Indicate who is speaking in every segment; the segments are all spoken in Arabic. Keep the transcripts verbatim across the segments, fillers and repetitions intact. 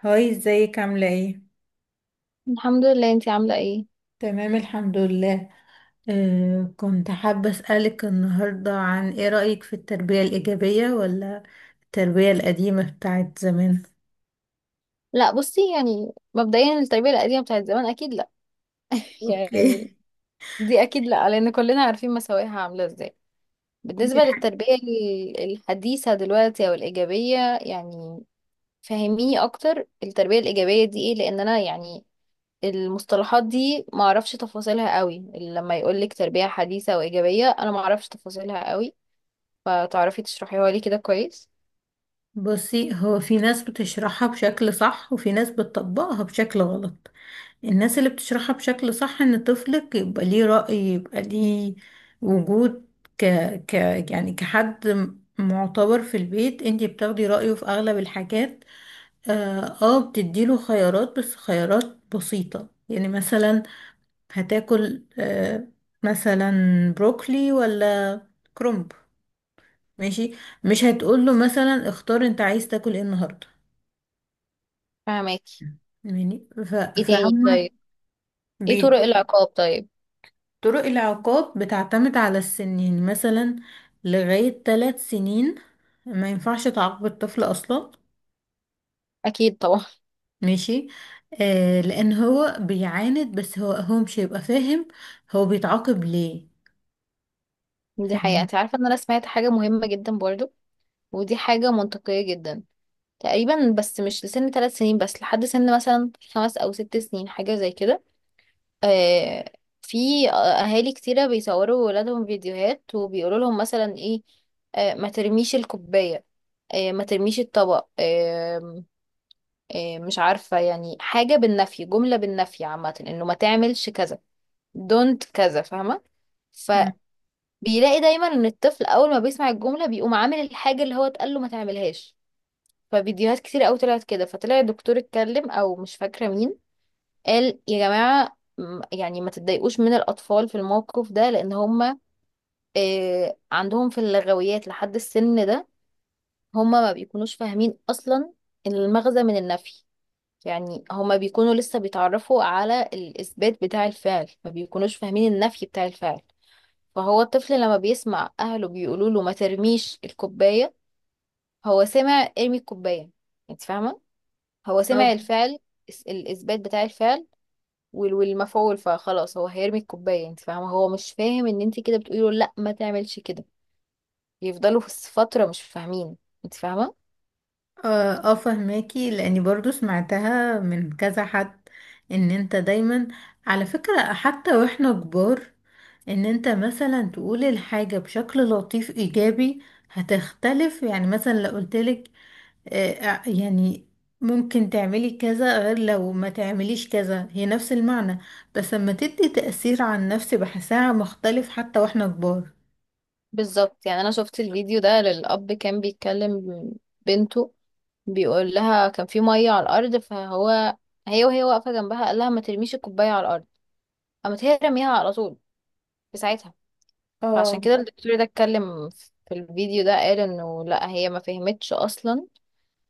Speaker 1: هاي، ازيك؟ عاملة ايه؟
Speaker 2: الحمد لله، انتي عاملة ايه؟
Speaker 1: تمام، الحمد لله. آه كنت حابة أسألك النهاردة عن ايه رأيك في التربية الإيجابية ولا التربية القديمة بتاعت زمان.
Speaker 2: لا، بصي يعني مبدئيا التربية القديمة بتاعت زمان اكيد لا.
Speaker 1: اوكي.
Speaker 2: يعني دي اكيد لا، لان كلنا عارفين مساوئها عاملة ازاي.
Speaker 1: دي
Speaker 2: بالنسبة
Speaker 1: حاجة
Speaker 2: للتربية ال- الحديثة دلوقتي او الايجابية، يعني فهميني اكتر التربية الايجابية دي ايه، لان انا يعني المصطلحات دي معرفش تفاصيلها قوي. لما يقولك تربية حديثة وايجابية انا معرفش تفاصيلها قوي، فتعرفي تشرحيها لي كده كويس؟
Speaker 1: بصي، هو في ناس بتشرحها بشكل صح وفي ناس بتطبقها بشكل غلط. الناس اللي بتشرحها بشكل صح ان طفلك يبقى ليه رأي، يبقى ليه وجود، ك... ك... يعني كحد معتبر في البيت، انتي بتاخدي رأيه في اغلب الحاجات. اه آه، بتديله خيارات، بس خيارات بسيطة، يعني مثلا هتاكل آه مثلا بروكلي ولا كرنب؟ ماشي. مش هتقوله مثلا اختار انت عايز تاكل ايه النهاردة.
Speaker 2: فهماكي.
Speaker 1: يعني ف-
Speaker 2: ايه تاني
Speaker 1: فعما
Speaker 2: طيب؟ ايه طرق
Speaker 1: بيدوا.
Speaker 2: العقاب طيب؟
Speaker 1: طرق العقاب بتعتمد على السن، يعني مثلا لغاية ثلاث سنين ما ينفعش تعاقب الطفل أصلا.
Speaker 2: اكيد طبعا.
Speaker 1: ماشي. آه، لأن هو بيعاند، بس هو هو مش هيبقى فاهم هو بيتعاقب ليه.
Speaker 2: دي حقيقة،
Speaker 1: فاهم.
Speaker 2: انت عارفة ان انا سمعت حاجة مهمة جدا برضو، ودي حاجة منطقية جدا تقريبا، بس مش لسن ثلاث سنين بس لحد سن مثلا خمس او ست سنين، حاجة زي كده. آه في اهالي كتيرة بيصوروا ولادهم فيديوهات، وبيقولوا لهم مثلا ايه، آه ما ترميش الكوباية، آه ما ترميش الطبق. آه آه مش عارفة، يعني حاجة بالنفي، جملة بالنفي عامة، انه ما تعملش كذا، دونت كذا، فاهمة.
Speaker 1: مم.
Speaker 2: بيلاقي دايما ان الطفل اول ما بيسمع الجمله بيقوم عامل الحاجه اللي هو اتقال له ما تعملهاش. ففيديوهات كتير قوي طلعت كده، فطلع الدكتور اتكلم او مش فاكره مين، قال يا جماعه، م- يعني ما تتضايقوش من الاطفال في الموقف ده، لان هم آه عندهم في اللغويات لحد السن ده، هم ما بيكونوش فاهمين اصلا المغزى من النفي. يعني هما بيكونوا لسه بيتعرفوا على الإثبات بتاع الفعل، ما بيكونوش فاهمين النفي بتاع الفعل. فهو الطفل لما بيسمع اهله بيقولوا له ما ترميش الكوبايه، هو سمع ارمي الكوبايه، انت فاهمه، هو سمع
Speaker 1: اه،
Speaker 2: الفعل، الس- الاثبات بتاع الفعل، وال- والمفعول. فخلاص هو هيرمي الكوبايه، انت فاهمه، هو مش فاهم ان انت كده بتقولي له لا ما تعملش كده. يفضلوا في فتره مش فاهمين، انت فاهمه.
Speaker 1: اه، آه، فهماكي، لاني برضو سمعتها من كذا حد، ان انت دايما، على فكرة حتى واحنا كبار، ان انت مثلا تقول الحاجة بشكل لطيف ايجابي هتختلف. يعني مثلا لو قلتلك آه، آه، يعني ممكن تعملي كذا غير لو ما تعمليش كذا، هي نفس المعنى بس لما تدي تأثير عن نفسي بحسها مختلف حتى واحنا كبار.
Speaker 2: بالظبط، يعني انا شفت الفيديو ده للاب كان بيتكلم بنته، بيقول لها كان في ميه على الارض، فهو هي وهي واقفه جنبها قال لها ما ترميش الكوبايه على الارض. قامت هي رميها على طول في ساعتها.
Speaker 1: اه،
Speaker 2: فعشان كده الدكتور ده اتكلم في الفيديو ده، قال انه لا، هي ما فهمتش اصلا،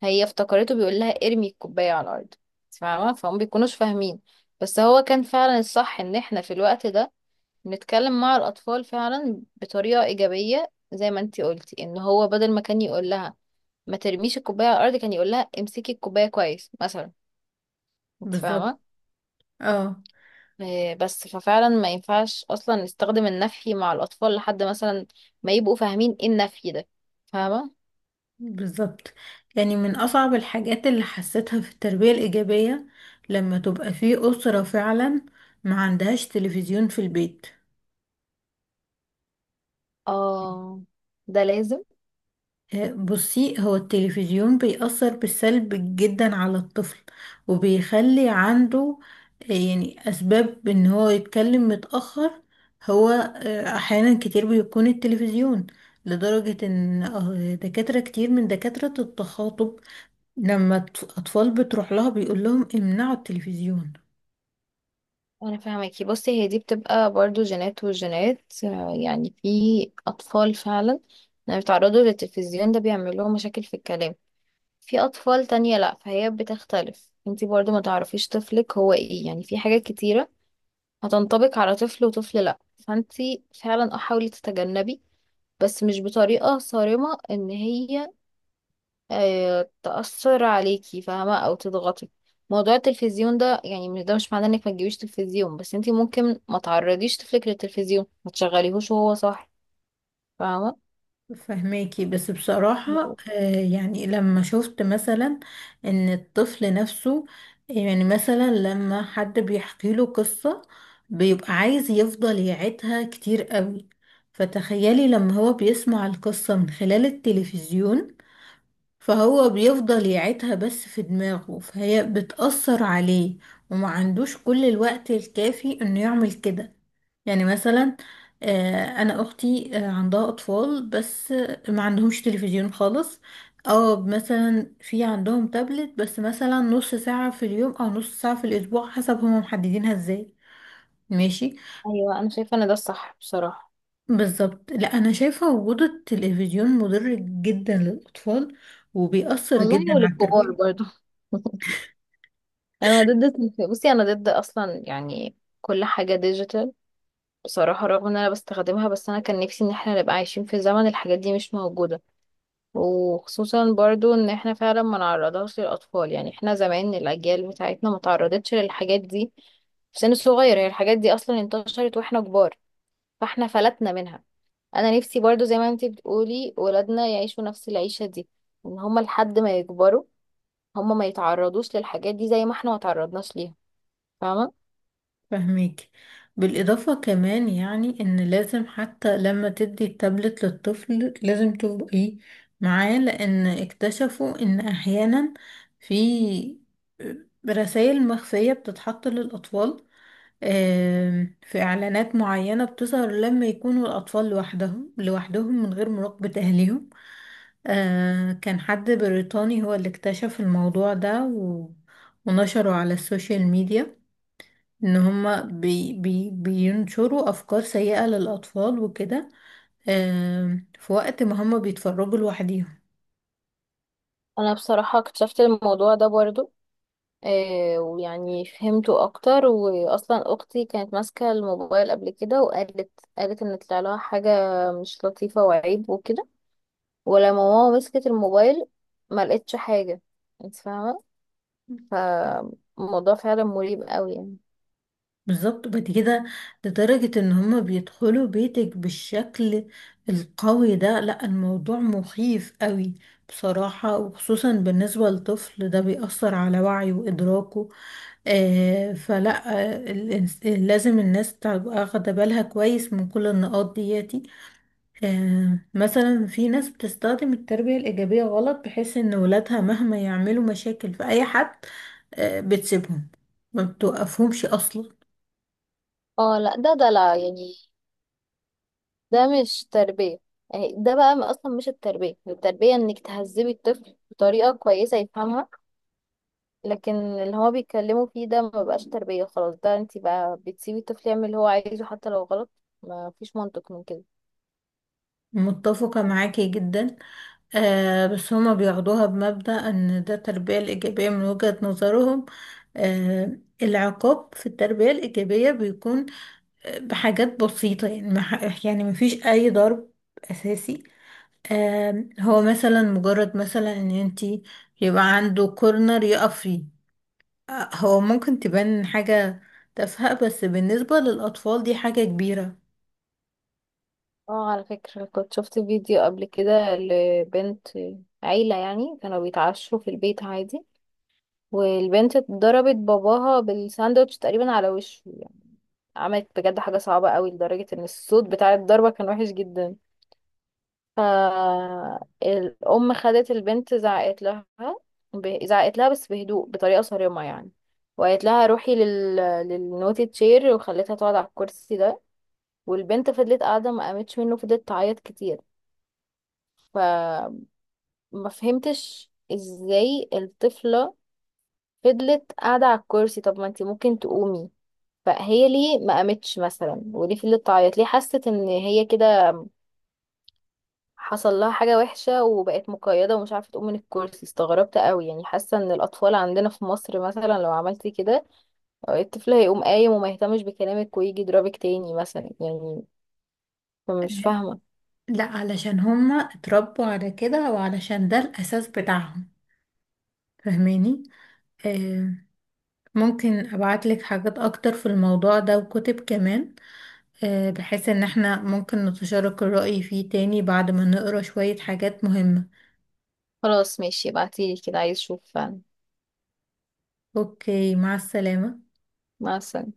Speaker 2: هي افتكرته بيقول لها ارمي الكوبايه على الارض، فاهمه، فهم بيكونوش فاهمين. بس هو كان فعلا الصح ان احنا في الوقت ده نتكلم مع الاطفال فعلا بطريقه ايجابيه، زي ما انتي قلتي، ان هو بدل ما كان يقول لها ما ترميش الكوبايه على الارض كان يقول لها امسكي الكوبايه كويس مثلا، انت
Speaker 1: بالظبط.
Speaker 2: فاهمه.
Speaker 1: اه،
Speaker 2: إيه، بس ففعلا ما ينفعش اصلا نستخدم النفي مع الاطفال لحد مثلا ما يبقوا فاهمين ايه النفي ده، فاهمه.
Speaker 1: بالظبط، يعني من أصعب الحاجات اللي حسيتها في التربية الإيجابية لما تبقى في أسرة فعلا ما عندهاش تلفزيون في البيت.
Speaker 2: اه، ده لازم.
Speaker 1: آه، بصي، هو التلفزيون بيأثر بالسلب جدا على الطفل وبيخلي عنده آه، يعني أسباب إن هو يتكلم متأخر. هو آه، أحيانا كتير بيكون التلفزيون، لدرجة إن آه، دكاترة كتير من دكاترة التخاطب لما الأط- أطفال بتروح لها بيقول لهم امنعوا التلفزيون.
Speaker 2: انا فاهمكي. بصي هي دي بتبقى برضو جينات وجينات، آه، يعني في اطفال فعلا لما بيتعرضوا للتلفزيون ده بيعمل لهم مشاكل في الكلام. في اطفال تانية لا، فهي بتختلف، انتي برضو ما تعرفيش طفلك هو ايه، يعني في حاجات كتيرة هتنطبق على طفل وطفل لا. فانتي فعلا، اه حاولي تتجنبي، بس مش بطريقة صارمة ان هي آه، تأثر عليكي، فاهمة، أو تضغطك. موضوع التلفزيون ده يعني مش- ده مش معناه انك ما تجيبيش تلفزيون، بس انتي ممكن ما تعرضيش طفلك للتلفزيون، ما تشغليهوش وهو صاحي، فاهمة.
Speaker 1: فهماكي، بس بصراحة آه، يعني لما شفت مثلا إن الطفل نفسه، يعني مثلا لما حد بيحكي له قصة بيبقى عايز يفضل يعيدها كتير قوي، فتخيلي لما هو بيسمع القصة من خلال التلفزيون فهو بيفضل يعيدها بس في دماغه، فهي بتأثر عليه وما عندوش كل الوقت الكافي انه يعمل كده. يعني مثلا آه، انا اختي آه، عندها اطفال بس آه، ما عندهمش تلفزيون خالص، او مثلا في عندهم تابلت بس مثلا نص ساعة في اليوم او نص ساعة في الاسبوع حسب هما محددينها ازاي. ماشي.
Speaker 2: ايوه، انا شايفة ان ده الصح بصراحة.
Speaker 1: بالظبط، لا انا شايفة وجود التلفزيون مضر جدا للاطفال وبيأثر جدا
Speaker 2: والله،
Speaker 1: على
Speaker 2: وللكبار
Speaker 1: التربية.
Speaker 2: برضو. انا ضد التلف- بصي انا ضد اصلا يعني كل حاجة ديجيتال بصراحة، رغم ان انا بستخدمها، بس انا كان نفسي ان احنا نبقى عايشين في زمن الحاجات دي مش موجودة. وخصوصا برضو ان احنا فعلا ما نعرضهاش للاطفال، يعني احنا زمان الاجيال بتاعتنا ما تعرضتش للحاجات دي في سن صغير، هي الحاجات دي اصلا انتشرت واحنا كبار، فاحنا فلتنا منها. انا نفسي برضو زي ما انتي بتقولي ولادنا يعيشوا نفس العيشة دي، ان هما لحد ما يكبروا هما ما يتعرضوش للحاجات دي زي ما احنا ما تعرضناش ليها، فاهمة.
Speaker 1: فهميك. بالإضافة كمان يعني إن لازم، حتى لما تدي التابلت للطفل لازم تبقي معاه، لأن اكتشفوا إن أحيانا في رسائل مخفية بتتحط للأطفال. آم، في إعلانات معينة بتظهر لما يكونوا الأطفال لوحدهم لوحدهم من غير مراقبة أهلهم. آه، كان حد بريطاني هو اللي اكتشف الموضوع ده و- ونشره على السوشيال ميديا، ان هما بي بي بينشروا افكار سيئة للاطفال وكده. آم، في وقت ما هما بيتفرجوا لوحديهم.
Speaker 2: انا بصراحة اكتشفت الموضوع ده برضو، آه، ويعني فهمته اكتر، واصلا اختي كانت ماسكه الموبايل قبل كده وقالت قالت ان طلع لها حاجه مش لطيفه وعيب وكده، ولما ماما مسكت الموبايل ما لقيتش حاجه، انت فاهمه. فالموضوع فعلا مريب قوي يعني.
Speaker 1: بالظبط. بعد كده، لدرجة ان هما بيدخلوا بيتك بالشكل القوي ده. لا، الموضوع مخيف قوي بصراحة، وخصوصا بالنسبة للطفل ده بيأثر على وعيه وإدراكه. آه فلا. آه الإنس- لازم الناس تبقى واخدة بالها كويس من كل النقاط دياتي. آه، مثلا في ناس بتستخدم التربية الإيجابية غلط، بحيث إن ولادها مهما يعملوا مشاكل في أي حد آه، بتسيبهم، ما بتوقفهمش أصلا.
Speaker 2: اه لا، ده دلع يعني، ده مش تربيه. يعني ده بقى اصلا مش التربيه، التربيه انك تهذبي الطفل بطريقه كويسه يفهمها. لكن اللي هو بيتكلموا فيه ده ما بقاش تربية خلاص، ده انت بقى بتسيبي الطفل يعمل اللي هو عايزه حتى لو غلط، ما فيش منطق من كده.
Speaker 1: متفقة معاكي جدا، آه بس هما بياخدوها بمبدأ إن ده التربية الإيجابية من وجهة نظرهم. آه العقاب في التربية الإيجابية بيكون آه، بحاجات بسيطة، يعني ما ح- يعني مفيش أي ضرب أساسي. آم، هو مثلا مجرد مثلا ان انتي يبقى عنده كورنر يقف فيه. آه، هو ممكن تبان حاجة تافهة، بس بالنسبة للأطفال دي حاجة كبيرة.
Speaker 2: اه، على فكرة، كنت شفت فيديو قبل كده لبنت، عيلة يعني، كانوا بيتعشوا في البيت عادي، والبنت ضربت باباها بالساندوتش تقريبا على وشه. عملت بجد حاجة صعبة قوي، لدرجة ان الصوت بتاع الضربة كان وحش جدا. فالأم خدت البنت زعقت لها، ب- زعقت لها بس بهدوء بطريقة صارمة يعني، وقالت لها روحي لل... للنوتي تشير، وخلتها تقعد على الكرسي ده. والبنت فضلت قاعدة ما قامتش منه، فضلت تعيط كتير، فما فهمتش ازاي الطفلة فضلت قاعدة على الكرسي. طب ما انتي ممكن تقومي، فهي ليه ما قامتش مثلا، وليه فضلت تعيط، ليه حست ان هي كده حصل لها حاجة وحشة، وبقت مقيدة ومش عارفة تقوم من الكرسي. استغربت قوي، يعني حاسة ان الاطفال عندنا في مصر مثلا لو عملتي كده الطفل هيقوم قايم وما يهتمش بكلامك ويجي يضربك تاني مثلا يعني، فمش فاهمة.
Speaker 1: لا، علشان هما اتربوا على كده وعلشان ده الأساس بتاعهم. فاهماني. آه ممكن أبعتلك حاجات أكتر في الموضوع ده وكتب كمان، آه بحيث إن احنا ممكن نتشارك الرأي فيه تاني بعد ما نقرأ شوية حاجات مهمة.
Speaker 2: خلاص ماشي، ابعتيلي كده، عايز اشوف فعلا.
Speaker 1: أوكي، مع السلامة.
Speaker 2: مع السلامة.